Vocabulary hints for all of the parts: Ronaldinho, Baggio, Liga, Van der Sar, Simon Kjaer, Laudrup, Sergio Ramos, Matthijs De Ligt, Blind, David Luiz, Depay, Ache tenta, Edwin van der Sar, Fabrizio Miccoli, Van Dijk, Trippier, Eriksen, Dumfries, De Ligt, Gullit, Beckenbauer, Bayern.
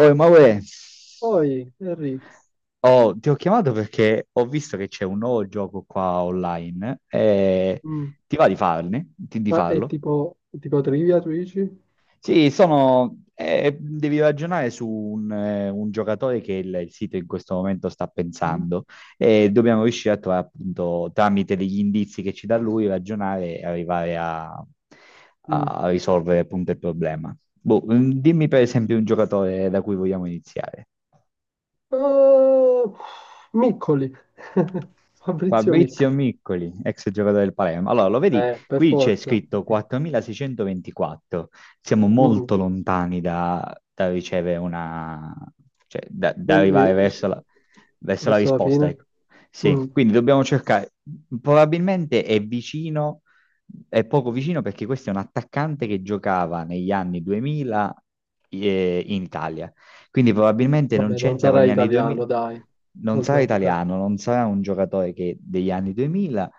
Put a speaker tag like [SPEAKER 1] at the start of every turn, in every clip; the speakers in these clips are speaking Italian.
[SPEAKER 1] Oh, ma uè,
[SPEAKER 2] Poi, Henry,
[SPEAKER 1] oh, ti ho chiamato perché ho visto che c'è un nuovo gioco qua online. eh,
[SPEAKER 2] mm,
[SPEAKER 1] ti va di farne? Di
[SPEAKER 2] ma
[SPEAKER 1] farlo?
[SPEAKER 2] è tipo trivia, tu dici?
[SPEAKER 1] Sì, sono, devi ragionare su un giocatore che il sito in questo momento sta
[SPEAKER 2] Mm,
[SPEAKER 1] pensando e dobbiamo riuscire a trovare appunto tramite degli indizi che ci dà lui, ragionare e arrivare a,
[SPEAKER 2] mm.
[SPEAKER 1] a risolvere appunto il problema. Boh, dimmi per esempio un giocatore da cui vogliamo iniziare.
[SPEAKER 2] Oh, Miccoli, Fabrizio Miccoli,
[SPEAKER 1] Fabrizio Miccoli, ex giocatore del Palermo. Allora, lo vedi?
[SPEAKER 2] per
[SPEAKER 1] Qui c'è
[SPEAKER 2] forza.
[SPEAKER 1] scritto 4624. Siamo
[SPEAKER 2] Mm,
[SPEAKER 1] molto lontani da ricevere una, cioè, da
[SPEAKER 2] Quindi,
[SPEAKER 1] arrivare verso la
[SPEAKER 2] Verso la
[SPEAKER 1] risposta,
[SPEAKER 2] fine,
[SPEAKER 1] ecco.
[SPEAKER 2] mm,
[SPEAKER 1] Sì, quindi dobbiamo cercare. Probabilmente è vicino, è poco vicino perché questo è un attaccante che giocava negli anni 2000, in Italia. Quindi probabilmente non
[SPEAKER 2] vabbè, non
[SPEAKER 1] c'entra con
[SPEAKER 2] sarà
[SPEAKER 1] gli anni 2000,
[SPEAKER 2] italiano, dai.
[SPEAKER 1] non
[SPEAKER 2] Non
[SPEAKER 1] sarà
[SPEAKER 2] sarà italiano.
[SPEAKER 1] italiano, non sarà un giocatore che degli anni 2000,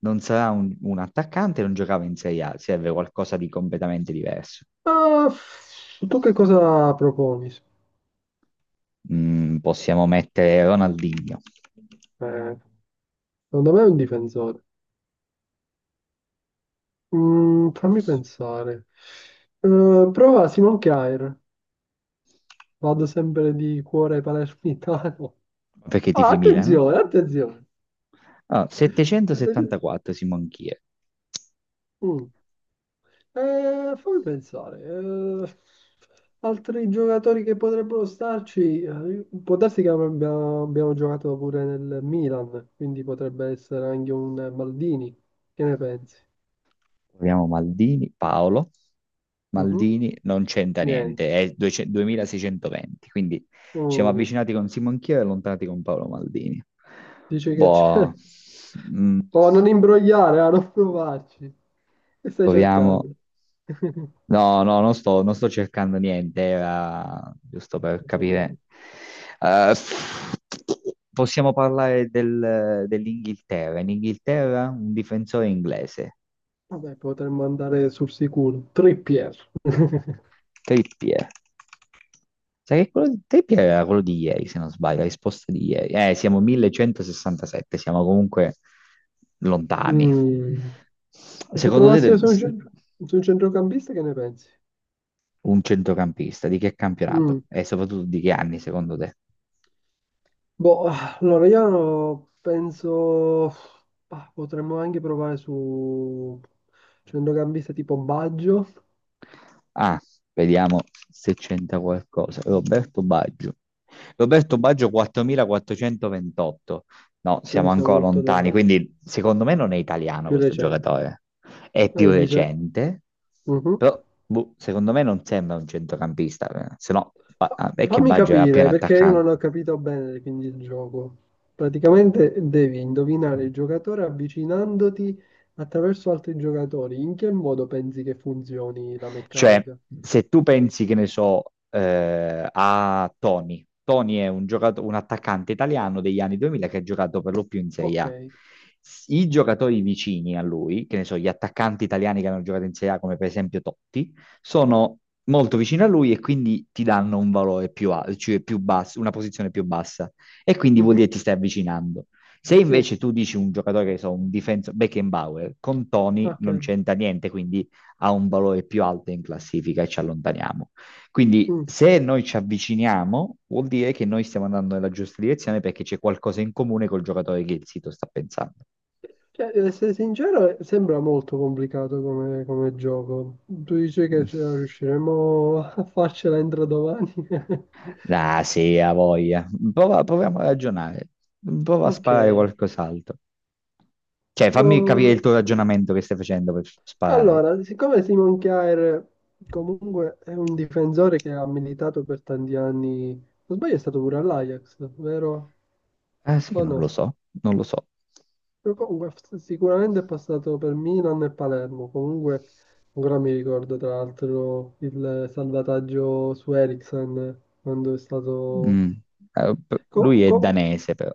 [SPEAKER 1] non sarà un attaccante, non giocava in Serie A, serve qualcosa di completamente diverso.
[SPEAKER 2] Ah, tu che cosa proponi?
[SPEAKER 1] Possiamo mettere Ronaldinho,
[SPEAKER 2] Eh, secondo me è un difensore. Fammi pensare. Prova Simon Kjaer. Vado sempre di cuore palermitano.
[SPEAKER 1] perché
[SPEAKER 2] Ah,
[SPEAKER 1] tifi Milan. Eh?
[SPEAKER 2] attenzione, attenzione.
[SPEAKER 1] Allora,
[SPEAKER 2] 700
[SPEAKER 1] 774 Simon Kier.
[SPEAKER 2] mm. Fammi pensare. Altri giocatori che potrebbero starci, può darsi che abbiamo giocato pure nel Milan, quindi potrebbe essere anche un Maldini. Che ne pensi?
[SPEAKER 1] Proviamo Maldini, Paolo.
[SPEAKER 2] Mhm.
[SPEAKER 1] Maldini non c'entra
[SPEAKER 2] Niente.
[SPEAKER 1] niente, è 200 2620, quindi ci siamo
[SPEAKER 2] Mm.
[SPEAKER 1] avvicinati con Simon Chia e allontanati con Paolo Maldini.
[SPEAKER 2] Dice che
[SPEAKER 1] Boh,
[SPEAKER 2] c'è.
[SPEAKER 1] mm,
[SPEAKER 2] Oh, non imbrogliare, a non provarci. Che stai
[SPEAKER 1] proviamo.
[SPEAKER 2] cercando?
[SPEAKER 1] No, no, non sto cercando niente, era giusto per
[SPEAKER 2] Ho
[SPEAKER 1] capire.
[SPEAKER 2] capito.
[SPEAKER 1] Eh, possiamo parlare dell'Inghilterra. In Inghilterra un difensore inglese.
[SPEAKER 2] Vabbè, potremmo andare sul sicuro. Trippier.
[SPEAKER 1] Trippier. Sai che quello di Trippier era quello di ieri, se non sbaglio, la risposta di ieri. Siamo 1167, siamo comunque lontani.
[SPEAKER 2] Mm. E se
[SPEAKER 1] Secondo te
[SPEAKER 2] provassimo
[SPEAKER 1] de-
[SPEAKER 2] su un, su un centrocampista, che ne pensi?
[SPEAKER 1] un centrocampista di che
[SPEAKER 2] Mm.
[SPEAKER 1] campionato? E soprattutto di che anni, secondo te?
[SPEAKER 2] Boh, allora io penso, potremmo anche provare su centrocampista tipo Baggio,
[SPEAKER 1] Ah, vediamo se c'entra qualcosa. Roberto Baggio. Roberto Baggio 4428. No, siamo
[SPEAKER 2] quindi siamo
[SPEAKER 1] ancora
[SPEAKER 2] molto
[SPEAKER 1] lontani,
[SPEAKER 2] lontani,
[SPEAKER 1] quindi secondo me non è italiano
[SPEAKER 2] più
[SPEAKER 1] questo
[SPEAKER 2] recente.
[SPEAKER 1] giocatore. È più
[SPEAKER 2] Eh, dice...
[SPEAKER 1] recente,
[SPEAKER 2] Mhm.
[SPEAKER 1] però boh, secondo me non sembra un centrocampista, eh. Se no ah, è che
[SPEAKER 2] Fammi
[SPEAKER 1] Baggio era appena
[SPEAKER 2] capire, perché io
[SPEAKER 1] attaccante.
[SPEAKER 2] non ho capito bene quindi il gioco. Praticamente devi indovinare il giocatore avvicinandoti attraverso altri giocatori. In che modo pensi che funzioni la
[SPEAKER 1] Cioè,
[SPEAKER 2] meccanica?
[SPEAKER 1] se tu pensi, che ne so, a Tony, Tony è un attaccante italiano degli anni 2000 che ha giocato per lo più in Serie
[SPEAKER 2] Ok.
[SPEAKER 1] A. I giocatori vicini a lui, che ne so, gli attaccanti italiani che hanno giocato in Serie A, come per esempio Totti, sono molto vicini a lui e quindi ti danno un valore più, cioè più basso, una posizione più bassa. E quindi vuol dire
[SPEAKER 2] Mhm.
[SPEAKER 1] che ti stai avvicinando. Se
[SPEAKER 2] Sì,
[SPEAKER 1] invece tu dici un giocatore che so, un difensore, Beckenbauer, con Tony
[SPEAKER 2] ok.
[SPEAKER 1] non c'entra niente, quindi ha un valore più alto in classifica e ci allontaniamo. Quindi
[SPEAKER 2] Mm.
[SPEAKER 1] se noi ci avviciniamo, vuol dire che noi stiamo andando nella giusta direzione perché c'è qualcosa in comune col giocatore che il sito sta pensando.
[SPEAKER 2] Cioè, ad essere sincero, sembra molto complicato come, come gioco. Tu dici che ce la riusciremo a farcela entro domani?
[SPEAKER 1] Ah, sì, ha voglia. Proviamo a ragionare. Prova a
[SPEAKER 2] Ok.
[SPEAKER 1] sparare qualcos'altro. Cioè, fammi capire il
[SPEAKER 2] No,
[SPEAKER 1] tuo ragionamento che stai facendo per sparare.
[SPEAKER 2] Allora, siccome Simon Kjaer comunque è un difensore che ha militato per tanti anni, non sbaglio è stato pure all'Ajax, vero?
[SPEAKER 1] Ah, sì che
[SPEAKER 2] O
[SPEAKER 1] non lo
[SPEAKER 2] no?
[SPEAKER 1] so, non lo so.
[SPEAKER 2] Però comunque sicuramente è passato per Milan e Palermo, comunque ancora mi ricordo tra l'altro il salvataggio su Eriksen quando è stato...
[SPEAKER 1] Mm. Lui
[SPEAKER 2] co-
[SPEAKER 1] è
[SPEAKER 2] co-
[SPEAKER 1] danese, però.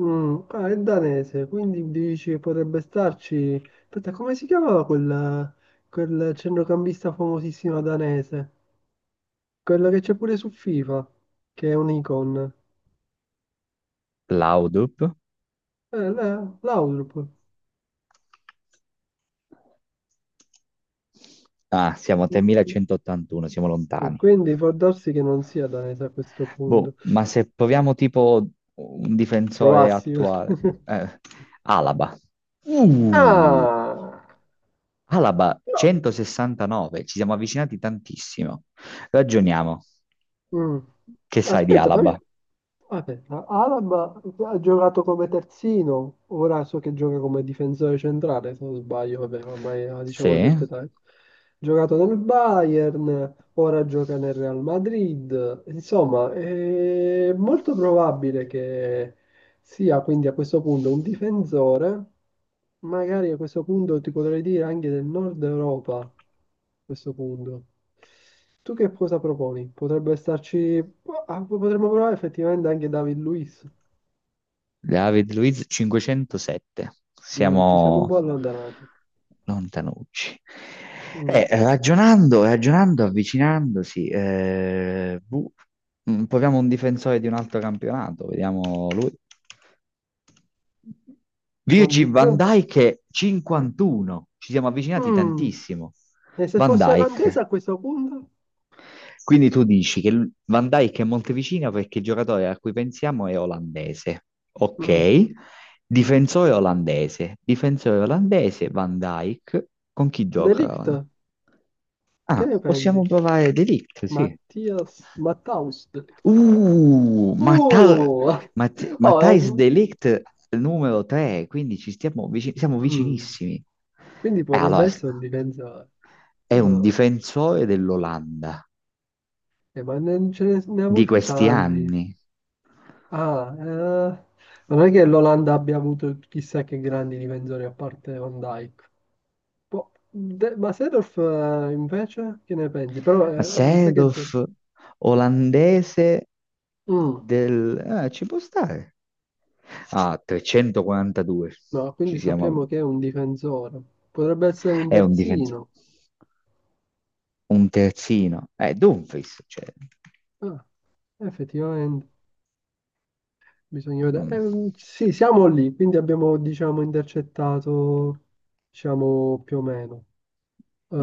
[SPEAKER 2] ah, è danese, quindi dici che potrebbe starci... Aspetta, come si chiamava quel, quel centrocampista famosissimo danese? Quella che c'è pure su FIFA, che è un'icon.
[SPEAKER 1] Laudrup?
[SPEAKER 2] L'Outlook.
[SPEAKER 1] Ah, siamo a 3181, siamo lontani.
[SPEAKER 2] Quindi può darsi che non sia danese a questo
[SPEAKER 1] Boh,
[SPEAKER 2] punto.
[SPEAKER 1] ma se proviamo tipo un difensore
[SPEAKER 2] Provassi.
[SPEAKER 1] attuale, Alaba. Uh,
[SPEAKER 2] Ah!
[SPEAKER 1] Alaba
[SPEAKER 2] No.
[SPEAKER 1] 169, ci siamo avvicinati tantissimo. Ragioniamo.
[SPEAKER 2] Mm.
[SPEAKER 1] Che sai di
[SPEAKER 2] Aspetta, fammi...
[SPEAKER 1] Alaba?
[SPEAKER 2] Aspetta, Alaba ha giocato come terzino, ora so che gioca come difensore centrale, se non sbaglio, vabbè, ormai ha, diciamo una
[SPEAKER 1] Sì.
[SPEAKER 2] certa età. Ha giocato nel Bayern, ora gioca nel Real Madrid, insomma, è molto probabile che si ha quindi a questo punto un difensore, magari a questo punto ti potrei dire anche del nord Europa, a questo punto. Tu che cosa proponi? Potrebbe starci, ah, potremmo provare effettivamente anche David Luiz.
[SPEAKER 1] David Luiz 507.
[SPEAKER 2] Mm, ci siamo un
[SPEAKER 1] Siamo
[SPEAKER 2] po' allontanati.
[SPEAKER 1] lontanucci.
[SPEAKER 2] Mm.
[SPEAKER 1] Ragionando, ragionando, avvicinandosi, boh, proviamo un difensore di un altro campionato, vediamo lui.
[SPEAKER 2] Van
[SPEAKER 1] Virgil
[SPEAKER 2] Dijk?
[SPEAKER 1] van Dijk è 51, ci siamo avvicinati
[SPEAKER 2] Mm.
[SPEAKER 1] tantissimo.
[SPEAKER 2] E se
[SPEAKER 1] Van
[SPEAKER 2] fosse olandese
[SPEAKER 1] Dijk,
[SPEAKER 2] a questo punto?
[SPEAKER 1] quindi tu dici che Van Dijk è Monteviccino perché il giocatore a cui pensiamo è olandese.
[SPEAKER 2] Mm.
[SPEAKER 1] Ok, difensore olandese. Difensore olandese, Van Dijk. Con chi
[SPEAKER 2] De Ligt,
[SPEAKER 1] gioca?
[SPEAKER 2] che
[SPEAKER 1] Ah,
[SPEAKER 2] ne
[SPEAKER 1] possiamo
[SPEAKER 2] pensi?
[SPEAKER 1] provare De Ligt, sì.
[SPEAKER 2] Mattias, Matthaus De Ligt.
[SPEAKER 1] Uh, Matthijs
[SPEAKER 2] Uh!
[SPEAKER 1] Matthijs
[SPEAKER 2] Oh,
[SPEAKER 1] De Ligt numero 3, quindi siamo
[SPEAKER 2] Mm.
[SPEAKER 1] vicinissimi.
[SPEAKER 2] Quindi
[SPEAKER 1] Eh,
[SPEAKER 2] potrebbe
[SPEAKER 1] allora,
[SPEAKER 2] essere un difensore.
[SPEAKER 1] è un
[SPEAKER 2] Ah,
[SPEAKER 1] difensore dell'Olanda
[SPEAKER 2] ma non ne ha
[SPEAKER 1] di
[SPEAKER 2] avuti
[SPEAKER 1] questi
[SPEAKER 2] tanti.
[SPEAKER 1] anni.
[SPEAKER 2] Ah, eh, Non è che l'Olanda abbia avuto chissà che grandi difensori a parte Van Dijk. Ma Seedorf invece che ne pensi? Però mi sa che
[SPEAKER 1] Seedorf, olandese
[SPEAKER 2] Mm,
[SPEAKER 1] del... Ah, ci può stare. Ah, 342.
[SPEAKER 2] no,
[SPEAKER 1] Ci
[SPEAKER 2] quindi
[SPEAKER 1] siamo...
[SPEAKER 2] sappiamo che è un difensore. Potrebbe essere un
[SPEAKER 1] È un difensore.
[SPEAKER 2] terzino.
[SPEAKER 1] Un terzino. Dumfries. Cioè.
[SPEAKER 2] Ah, effettivamente. Bisogna vedere.
[SPEAKER 1] Mm.
[SPEAKER 2] Sì, siamo lì, quindi abbiamo, diciamo, intercettato, diciamo, più o meno.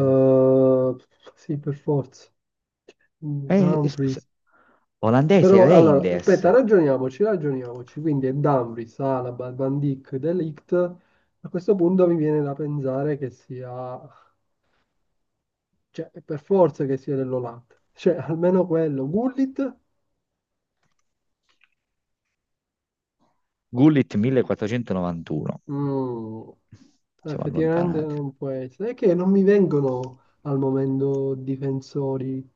[SPEAKER 1] Mm.
[SPEAKER 2] sì, per forza. Mm,
[SPEAKER 1] Scusa.
[SPEAKER 2] Dumfries.
[SPEAKER 1] Olandese,
[SPEAKER 2] Però, allora,
[SPEAKER 1] Reinders.
[SPEAKER 2] aspetta, ragioniamoci. Quindi è Dumfries, Alaba, Van Dijk, De Ligt. A questo punto mi viene da pensare che sia, cioè, per forza che sia dell'Olanda. Cioè, almeno quello. Gullit?
[SPEAKER 1] Gullit 1491.
[SPEAKER 2] Mm,
[SPEAKER 1] Siamo
[SPEAKER 2] effettivamente
[SPEAKER 1] allontanati.
[SPEAKER 2] non può essere. È che non mi vengono al momento difensori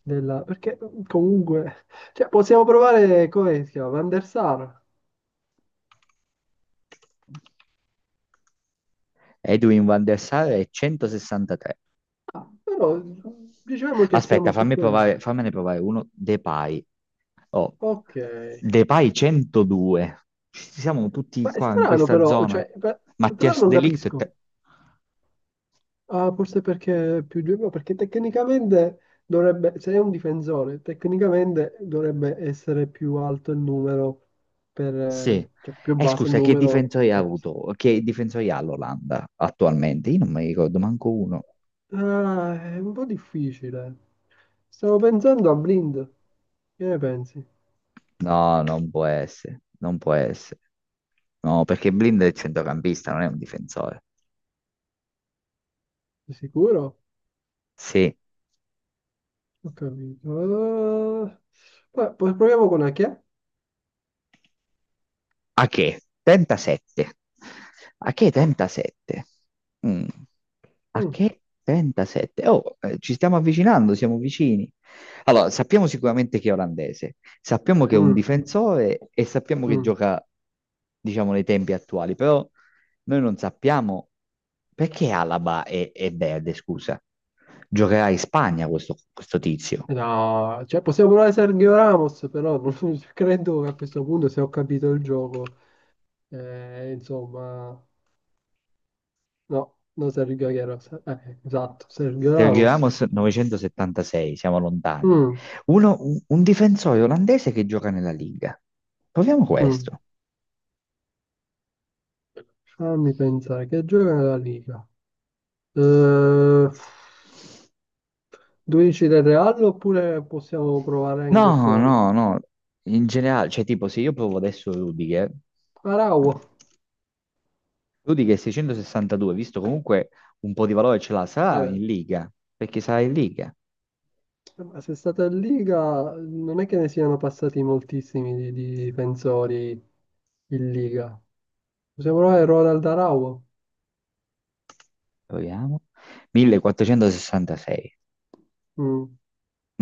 [SPEAKER 2] della... Perché comunque... Cioè, possiamo provare, come si chiama? Van der Sar.
[SPEAKER 1] Edwin van der Sar è 163.
[SPEAKER 2] Ah, però diciamo che
[SPEAKER 1] Aspetta,
[SPEAKER 2] siamo su
[SPEAKER 1] fammi
[SPEAKER 2] quello.
[SPEAKER 1] provare, fammene provare uno. Depay. Oh,
[SPEAKER 2] Ok.
[SPEAKER 1] Depay 102. Ci siamo tutti
[SPEAKER 2] Ma è
[SPEAKER 1] qua in
[SPEAKER 2] strano
[SPEAKER 1] questa
[SPEAKER 2] però,
[SPEAKER 1] zona.
[SPEAKER 2] però
[SPEAKER 1] Mattias
[SPEAKER 2] non
[SPEAKER 1] De Ligt.
[SPEAKER 2] capisco. Ah, forse perché è più giovane, perché tecnicamente dovrebbe, se è un difensore, tecnicamente dovrebbe essere più alto il numero, per,
[SPEAKER 1] Sì.
[SPEAKER 2] cioè più
[SPEAKER 1] E
[SPEAKER 2] basso il
[SPEAKER 1] scusa, che
[SPEAKER 2] numero.
[SPEAKER 1] difensori ha avuto? Che difensori ha l'Olanda attualmente? Io non mi ricordo manco uno.
[SPEAKER 2] Ah, è un po' difficile. Stavo pensando a Blind, che ne pensi?
[SPEAKER 1] No, non può essere. Non può essere. No, perché Blind è il centrocampista, non è un difensore.
[SPEAKER 2] Sei sicuro?
[SPEAKER 1] Sì.
[SPEAKER 2] Ho capito. Poi proviamo con Achia.
[SPEAKER 1] Ache, tenta 7. Ache tenta 7. Mm.
[SPEAKER 2] Mm,
[SPEAKER 1] Ache tenta 7. Oh, ci stiamo avvicinando, siamo vicini. Allora, sappiamo sicuramente che è olandese, sappiamo che è un
[SPEAKER 2] mm,
[SPEAKER 1] difensore e sappiamo che
[SPEAKER 2] mm.
[SPEAKER 1] gioca, diciamo, nei tempi attuali, però noi non sappiamo perché Alaba è verde, scusa. Giocherà in Spagna questo tizio.
[SPEAKER 2] No, cioè possiamo provare Sergio Ramos, però non credo che a questo punto, se ho capito il gioco, insomma, no, non Sergio Aguero, esatto, Sergio
[SPEAKER 1] Sergio
[SPEAKER 2] Ramos.
[SPEAKER 1] Ramos 976, siamo lontani.
[SPEAKER 2] Mm,
[SPEAKER 1] Un difensore olandese che gioca nella Liga. Proviamo
[SPEAKER 2] mm.
[SPEAKER 1] questo.
[SPEAKER 2] Fammi pensare, che gioca nella Liga? Eh, 12 del Real oppure possiamo provare anche
[SPEAKER 1] No,
[SPEAKER 2] fuori?
[SPEAKER 1] no, no. In generale, cioè tipo se io provo adesso Rudiger,
[SPEAKER 2] Arau,
[SPEAKER 1] Rudiger 662, visto comunque un po' di valore ce l'ha, sarà
[SPEAKER 2] vabbè,
[SPEAKER 1] in Liga, perché sarà in Liga.
[SPEAKER 2] ma se è stata in Liga non è che ne siano passati moltissimi di difensori in Liga. Possiamo provare Roald Dahl?
[SPEAKER 1] Proviamo. 1466.
[SPEAKER 2] Mm,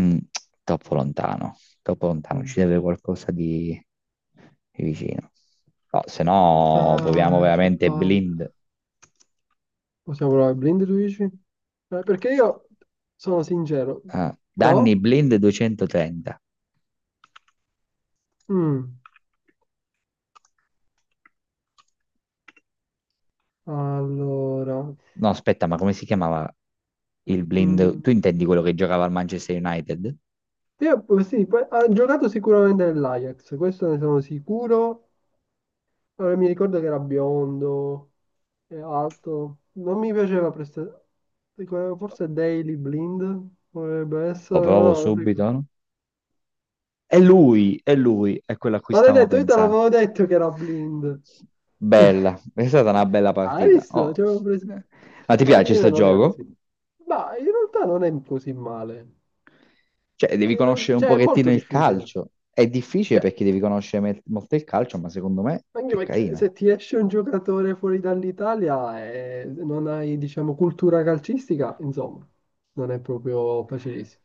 [SPEAKER 1] Mm, troppo lontano, troppo lontano,
[SPEAKER 2] mm.
[SPEAKER 1] ci deve qualcosa di vicino. No, se no proviamo
[SPEAKER 2] Ah, che
[SPEAKER 1] veramente
[SPEAKER 2] palle.
[SPEAKER 1] blind.
[SPEAKER 2] Possiamo provare Blind, tu dici? Perché io sono sincero.
[SPEAKER 1] Ah, danni
[SPEAKER 2] No?
[SPEAKER 1] blind 230.
[SPEAKER 2] Mm, Allora.
[SPEAKER 1] No, aspetta, ma come si chiamava il blind? Tu
[SPEAKER 2] mm,
[SPEAKER 1] intendi quello che giocava al Manchester United?
[SPEAKER 2] Io sì, ha giocato sicuramente nell'Ajax, questo ne sono sicuro. Allora, mi ricordo che era biondo e alto. Non mi piaceva prestare. Forse Daily Blind potrebbe
[SPEAKER 1] Lo
[SPEAKER 2] essere,
[SPEAKER 1] provo
[SPEAKER 2] però non ricordo.
[SPEAKER 1] subito, no? È lui, è lui, è quello a cui
[SPEAKER 2] Ma l'hai
[SPEAKER 1] stavo
[SPEAKER 2] detto, io te
[SPEAKER 1] pensando.
[SPEAKER 2] l'avevo detto che era blind.
[SPEAKER 1] Bella, è stata una bella
[SPEAKER 2] Hai
[SPEAKER 1] partita.
[SPEAKER 2] visto?
[SPEAKER 1] Oh.
[SPEAKER 2] Ci avevo preso-
[SPEAKER 1] Ma ti
[SPEAKER 2] Alla
[SPEAKER 1] piace
[SPEAKER 2] fine
[SPEAKER 1] sto
[SPEAKER 2] non era
[SPEAKER 1] gioco?
[SPEAKER 2] così. Ma in realtà non è così male.
[SPEAKER 1] Cioè, devi conoscere un
[SPEAKER 2] Cioè, è
[SPEAKER 1] pochettino
[SPEAKER 2] molto
[SPEAKER 1] il
[SPEAKER 2] difficile.
[SPEAKER 1] calcio. È difficile
[SPEAKER 2] Cioè,
[SPEAKER 1] perché devi conoscere molto il calcio, ma secondo me
[SPEAKER 2] anche
[SPEAKER 1] è
[SPEAKER 2] perché
[SPEAKER 1] carina.
[SPEAKER 2] se ti esce un giocatore fuori dall'Italia e non hai, diciamo, cultura calcistica, insomma, non è proprio facilissimo.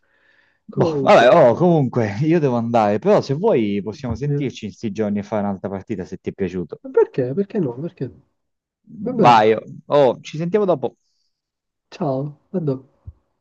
[SPEAKER 1] Boh, vabbè,
[SPEAKER 2] Comunque,
[SPEAKER 1] oh, comunque, io devo andare, però se vuoi possiamo
[SPEAKER 2] eh,
[SPEAKER 1] sentirci in sti giorni e fare un'altra partita se ti è piaciuto.
[SPEAKER 2] perché? Perché no? Perché? Vabbè,
[SPEAKER 1] Vai, oh, ci sentiamo dopo.
[SPEAKER 2] ciao, a dopo.